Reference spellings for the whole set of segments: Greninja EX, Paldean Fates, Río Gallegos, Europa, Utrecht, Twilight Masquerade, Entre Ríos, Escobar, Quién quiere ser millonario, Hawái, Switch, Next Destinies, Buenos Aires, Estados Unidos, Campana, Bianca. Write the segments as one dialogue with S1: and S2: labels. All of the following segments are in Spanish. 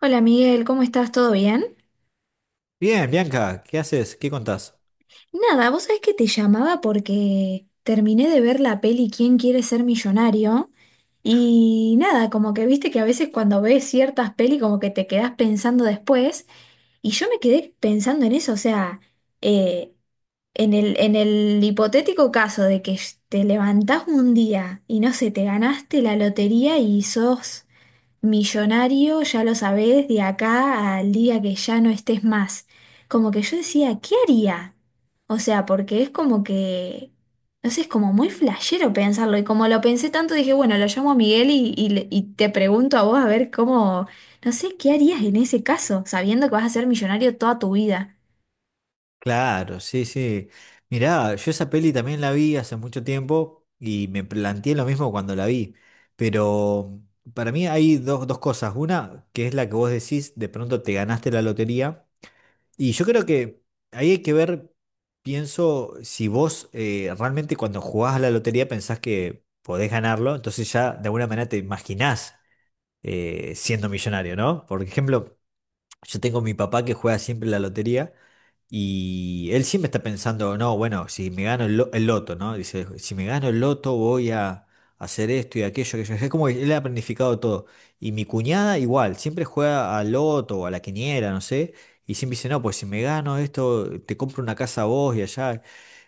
S1: Hola Miguel, ¿cómo estás? ¿Todo bien?
S2: Bien, Bianca, ¿qué haces? ¿Qué contás?
S1: Nada, vos sabés que te llamaba porque terminé de ver la peli ¿Quién quiere ser millonario? Y nada, como que viste que a veces cuando ves ciertas peli como que te quedás pensando después y yo me quedé pensando en eso, o sea, eh, en el hipotético caso de que te levantás un día y no sé, te ganaste la lotería y sos millonario, ya lo sabés, de acá al día que ya no estés más. Como que yo decía, ¿qué haría? O sea, porque es como que, no sé, es como muy flashero pensarlo. Y como lo pensé tanto, dije, bueno, lo llamo a Miguel y te pregunto a vos a ver cómo, no sé, ¿qué harías en ese caso, sabiendo que vas a ser millonario toda tu vida?
S2: Claro, sí, sí. Mirá, yo esa peli también la vi hace mucho tiempo y me planteé lo mismo cuando la vi. Pero para mí hay dos cosas. Una, que es la que vos decís, de pronto te ganaste la lotería. Y yo creo que ahí hay que ver, pienso, si vos realmente cuando jugás a la lotería pensás que podés ganarlo, entonces ya de alguna manera te imaginás siendo millonario, ¿no? Por ejemplo... Yo tengo mi papá que juega siempre la lotería y él siempre está pensando, no, bueno, si me gano el, el loto, ¿no? Dice, si me gano el loto voy a hacer esto y aquello, aquello. Es como que él ha planificado todo. Y mi cuñada igual, siempre juega al loto o a la quiniela, no sé. Y siempre dice, no, pues si me gano esto, te compro una casa a vos y allá.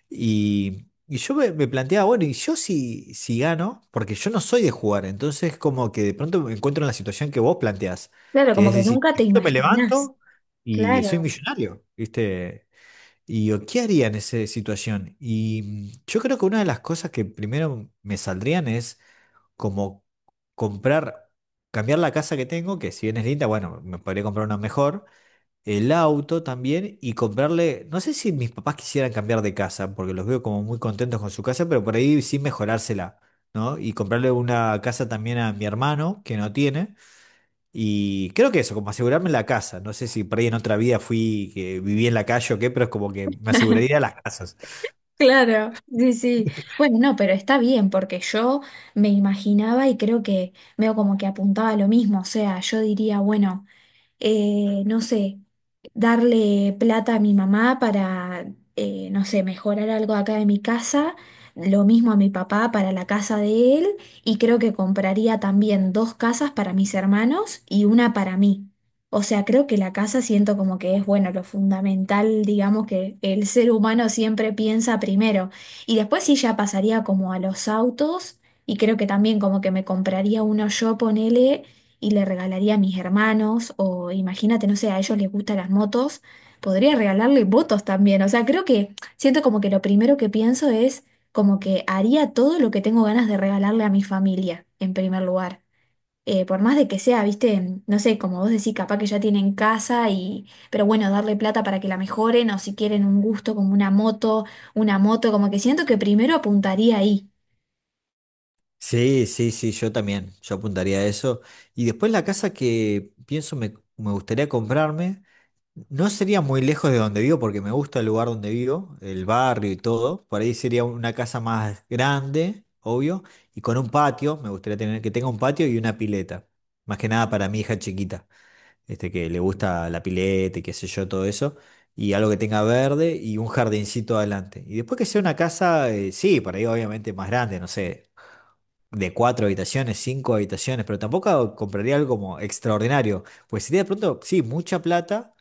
S2: Y yo me planteaba, bueno, y yo si gano, porque yo no soy de jugar, entonces como que de pronto me encuentro en la situación que vos planteás,
S1: Claro,
S2: que
S1: como
S2: es
S1: que
S2: decir,
S1: nunca
S2: de
S1: te
S2: pronto me
S1: imaginás.
S2: levanto y soy
S1: Claro.
S2: millonario, ¿viste? Y yo, ¿qué haría en esa situación? Y yo creo que una de las cosas que primero me saldrían es como comprar, cambiar la casa que tengo, que si bien es linda, bueno, me podría comprar una mejor el auto también y comprarle, no sé si mis papás quisieran cambiar de casa, porque los veo como muy contentos con su casa, pero por ahí sí mejorársela, ¿no? Y comprarle una casa también a mi hermano, que no tiene, y creo que eso, como asegurarme la casa, no sé si por ahí en otra vida fui, que viví en la calle o qué, pero es como que me aseguraría las casas.
S1: Claro, sí, sí. Bueno, no, pero está bien porque yo me imaginaba y creo que veo como que apuntaba a lo mismo. O sea, yo diría, bueno, no sé, darle plata a mi mamá para, no sé, mejorar algo acá de mi casa, lo mismo a mi papá para la casa de él, y creo que compraría también dos casas para mis hermanos y una para mí. O sea, creo que la casa siento como que es, bueno, lo fundamental, digamos, que el ser humano siempre piensa primero. Y después sí ya pasaría como a los autos, y creo que también como que me compraría uno yo, ponele, y le regalaría a mis hermanos, o imagínate, no sé, a ellos les gustan las motos, podría regalarle motos también. O sea, creo que siento como que lo primero que pienso es como que haría todo lo que tengo ganas de regalarle a mi familia, en primer lugar. Por más de que sea, viste, no sé, como vos decís, capaz que ya tienen casa y, pero bueno, darle plata para que la mejoren o si quieren un gusto como una moto, como que siento que primero apuntaría ahí.
S2: Sí, sí, sí, yo también, yo apuntaría a eso. Y después la casa que pienso me gustaría comprarme. No sería muy lejos de donde vivo porque me gusta el lugar donde vivo, el barrio y todo. Por ahí sería una casa más grande, obvio, y con un patio. Me gustaría tener que tenga un patio y una pileta. Más que nada para mi hija chiquita, este que le gusta la pileta y qué sé yo, todo eso. Y algo que tenga verde y un jardincito adelante. Y después que sea una casa, sí, por ahí obviamente más grande, no sé, de cuatro habitaciones, cinco habitaciones, pero tampoco compraría algo como extraordinario. Pues sería de pronto, sí, mucha plata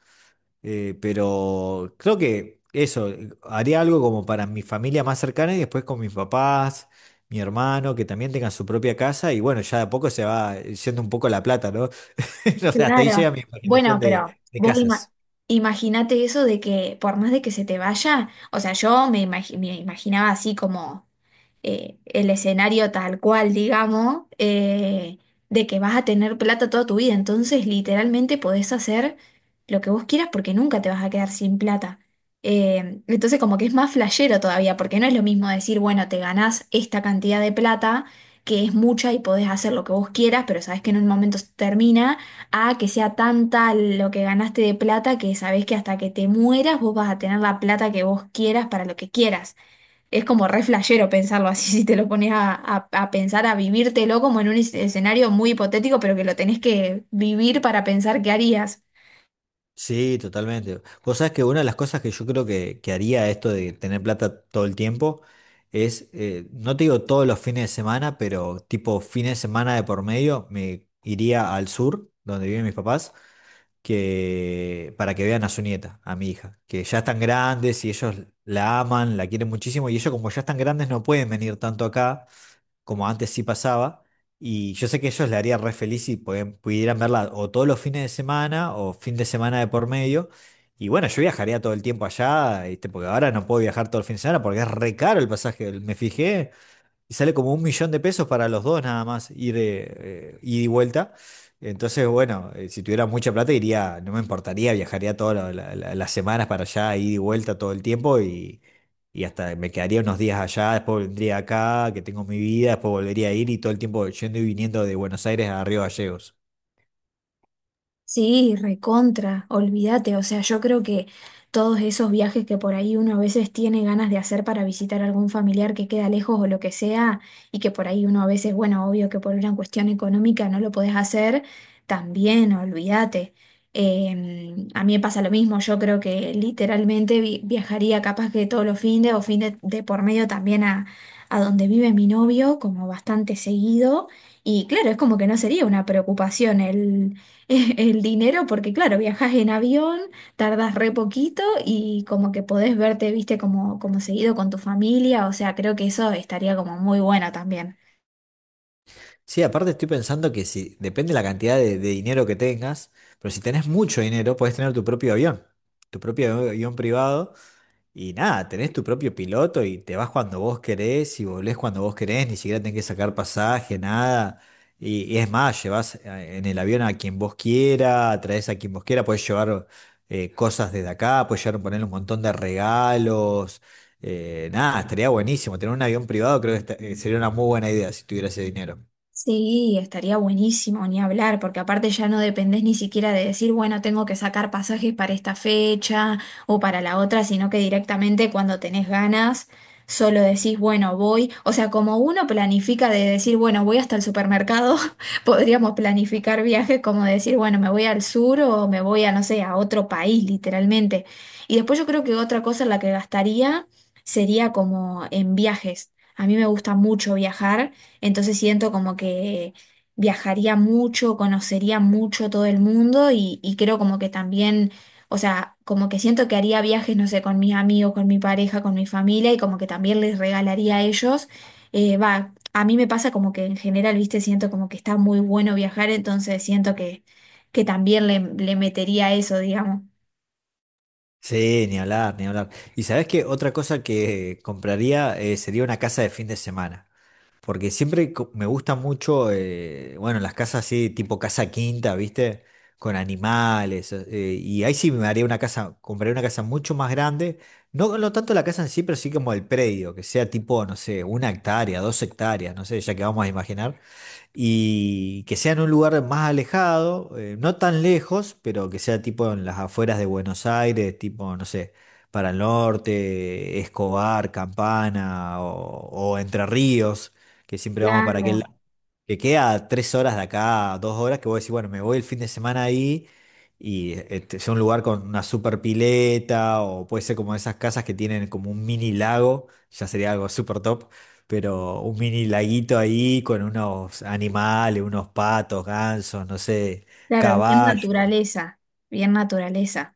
S2: pero creo que eso, haría algo como para mi familia más cercana y después con mis papás, mi hermano, que también tengan su propia casa y bueno, ya de a poco se va yendo un poco la plata, ¿no? O sea, hasta ahí
S1: Claro.
S2: llega mi
S1: Bueno,
S2: imaginación
S1: pero
S2: de
S1: vos ima-
S2: casas.
S1: imaginate eso de que por más de que se te vaya, o sea, yo me imaginaba así como el escenario tal cual, digamos, de que vas a tener plata toda tu vida. Entonces, literalmente podés hacer lo que vos quieras porque nunca te vas a quedar sin plata. Entonces, como que es más flashero todavía, porque no es lo mismo decir, bueno, te ganás esta cantidad de plata, que es mucha y podés hacer lo que vos quieras, pero sabés que en un momento se termina, a que sea tanta lo que ganaste de plata que sabés que hasta que te mueras vos vas a tener la plata que vos quieras para lo que quieras es como re flashero pensarlo así, si te lo pones a pensar, a vivírtelo como en un escenario muy hipotético, pero que lo tenés que vivir para pensar qué harías.
S2: Sí, totalmente. Vos sabés que una de las cosas que yo creo que haría esto de tener plata todo el tiempo es, no te digo todos los fines de semana, pero tipo fines de semana de por medio, me iría al sur, donde viven mis papás que para que vean a su nieta, a mi hija, que ya están grandes y ellos la aman, la quieren muchísimo y ellos como ya están grandes no pueden venir tanto acá como antes sí pasaba y yo sé que ellos le haría re feliz si pudieran verla o todos los fines de semana o fin de semana de por medio y bueno, yo viajaría todo el tiempo allá, ¿viste? Porque ahora no puedo viajar todo el fin de semana porque es re caro el pasaje, me fijé y sale como 1.000.000 de pesos para los dos nada más, ir, ida y vuelta. Entonces, bueno, si tuviera mucha plata iría, no me importaría, viajaría todas las semanas para allá, ida y vuelta todo el tiempo y hasta me quedaría unos días allá, después vendría acá, que tengo mi vida, después volvería a ir y todo el tiempo yendo y viniendo de Buenos Aires a Río Gallegos.
S1: Sí, recontra, olvídate, o sea, yo creo que todos esos viajes que por ahí uno a veces tiene ganas de hacer para visitar algún familiar que queda lejos o lo que sea, y que por ahí uno a veces, bueno, obvio que por una cuestión económica no lo podés hacer, también, olvídate. A mí me pasa lo mismo, yo creo que literalmente viajaría capaz que todos los fines o fines de por medio también a donde vive mi novio, como bastante seguido, y claro, es como que no sería una preocupación el el dinero, porque claro, viajas en avión, tardas re poquito y como que podés verte, viste, como, seguido con tu familia, o sea, creo que eso estaría como muy bueno también.
S2: Sí, aparte estoy pensando que si, depende de la cantidad de dinero que tengas, pero si tenés mucho dinero, podés tener tu propio avión privado. Y nada, tenés tu propio piloto y te vas cuando vos querés y volvés cuando vos querés, ni siquiera tenés que sacar pasaje, nada. Y es más, llevas en el avión a quien vos quiera, traes a quien vos quiera, podés llevar cosas desde acá, podés llevar, poner un montón de regalos. Nada, estaría buenísimo. Tener un avión privado creo que sería una muy buena idea si tuviera ese dinero.
S1: Sí, estaría buenísimo ni hablar, porque aparte ya no dependés ni siquiera de decir, bueno, tengo que sacar pasajes para esta fecha o para la otra, sino que directamente cuando tenés ganas, solo decís, bueno, voy. O sea, como uno planifica de decir, bueno, voy hasta el supermercado, podríamos planificar viajes como decir, bueno, me voy al sur o me voy a, no sé, a otro país, literalmente. Y después yo creo que otra cosa en la que gastaría sería como en viajes. A mí me gusta mucho viajar. Entonces siento como que viajaría mucho, conocería mucho todo el mundo y creo como que también, o sea, como que siento que haría viajes, no sé, con mis amigos, con mi pareja, con mi familia y como que también les regalaría a ellos. Va, a mí me pasa como que en general, viste, siento como que está muy bueno viajar, entonces siento que, también le metería eso, digamos.
S2: Sí, ni hablar, ni hablar. ¿Y sabés qué? Otra cosa que compraría sería una casa de fin de semana. Porque siempre me gusta mucho, bueno, las casas así, tipo casa quinta, ¿viste? Con animales. Y ahí sí me haría una casa, compraría una casa mucho más grande. No, no tanto la casa en sí, pero sí como el predio, que sea tipo, no sé, 1 hectárea, 2 hectáreas, no sé, ya que vamos a imaginar y que sea en un lugar más alejado, no tan lejos, pero que sea tipo en las afueras de Buenos Aires, tipo, no sé, para el norte, Escobar, Campana o Entre Ríos, que siempre vamos para aquel
S1: Claro,
S2: lado, que queda a 3 horas de acá, 2 horas, que voy a decir, bueno, me voy el fin de semana ahí. Y este, sea un lugar con una super pileta, o puede ser como esas casas que tienen como un mini lago, ya sería algo super top, pero un mini laguito ahí con unos animales, unos patos, gansos, no sé,
S1: claro, bien
S2: caballos.
S1: naturaleza, bien naturaleza.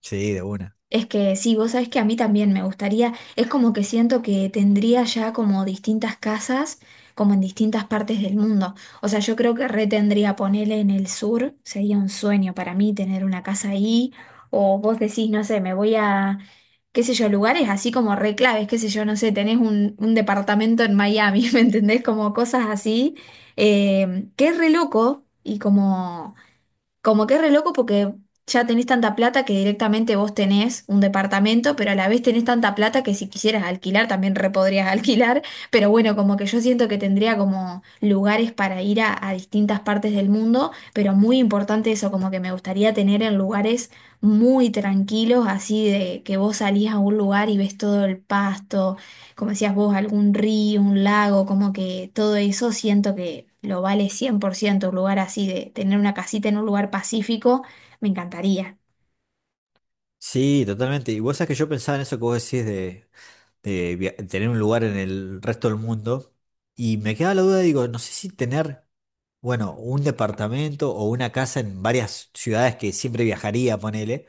S2: Sí, de una.
S1: Es que sí, vos sabés que a mí también me gustaría, es como que siento que tendría ya como distintas casas, como en distintas partes del mundo. O sea, yo creo que re tendría ponerle en el sur, sería un sueño para mí tener una casa ahí, o vos decís, no sé, me voy a, qué sé yo, lugares así como re claves, qué sé yo, no sé, tenés un, departamento en Miami, ¿me entendés? Como cosas así, que es re loco y como... Como que es re loco porque ya tenés tanta plata que directamente vos tenés un departamento, pero a la vez tenés tanta plata que si quisieras alquilar también re podrías alquilar. Pero bueno, como que yo siento que tendría como lugares para ir a distintas partes del mundo, pero muy importante eso, como que me gustaría tener en lugares muy tranquilos, así de que vos salís a un lugar y ves todo el pasto, como decías vos, algún río, un lago, como que todo eso siento que lo vale 100% un lugar así de tener una casita en un lugar pacífico, me encantaría.
S2: Sí, totalmente. Y vos sabés que yo pensaba en eso que vos decís de tener un lugar en el resto del mundo. Y me quedaba la duda, digo, no sé si tener, bueno, un departamento o una casa en varias ciudades que siempre viajaría, ponele,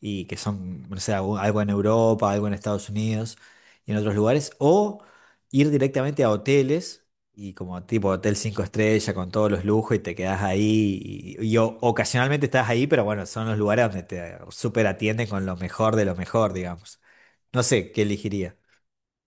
S2: y que son, no sé, algo en Europa, algo en Estados Unidos y en otros lugares, o ir directamente a hoteles. Y como tipo hotel 5 estrellas con todos los lujos y te quedás ahí y ocasionalmente estás ahí, pero bueno, son los lugares donde te super atienden con lo mejor de lo mejor, digamos. No sé, ¿qué elegiría?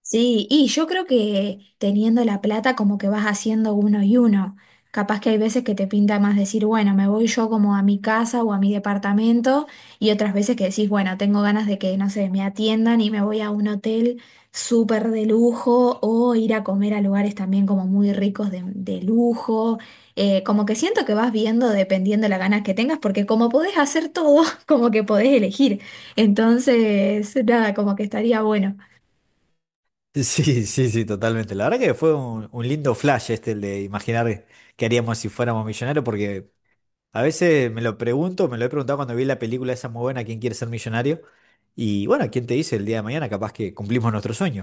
S1: Sí, y yo creo que teniendo la plata como que vas haciendo uno y uno. Capaz que hay veces que te pinta más decir, bueno, me voy yo como a mi casa o a mi departamento y otras veces que decís, bueno, tengo ganas de que, no sé, me atiendan y me voy a un hotel súper de lujo o ir a comer a lugares también como muy ricos de, lujo. Como que siento que vas viendo dependiendo las ganas que tengas porque como podés hacer todo, como que podés elegir. Entonces, nada, como que estaría bueno.
S2: Sí, sí, sí, totalmente. La verdad que fue un lindo flash este, el de imaginar qué haríamos si fuéramos millonarios, porque a veces me lo pregunto, me lo he preguntado cuando vi la película esa muy buena, ¿Quién quiere ser millonario? Y bueno, ¿quién te dice el día de mañana capaz que cumplimos nuestro sueño?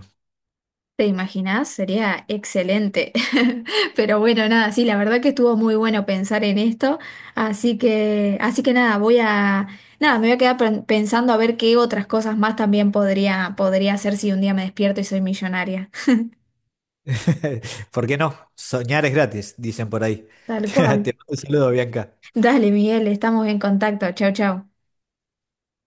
S1: ¿Te imaginás? Sería excelente. Pero bueno, nada, sí, la verdad que estuvo muy bueno pensar en esto. Así que nada, voy a, nada, me voy a quedar pensando a ver qué otras cosas más también podría, hacer si un día me despierto y soy millonaria.
S2: ¿Por qué no? Soñar es gratis, dicen por ahí.
S1: Tal
S2: Te
S1: cual.
S2: mando un saludo, Bianca.
S1: Dale, Miguel, estamos en contacto. Chau, chau.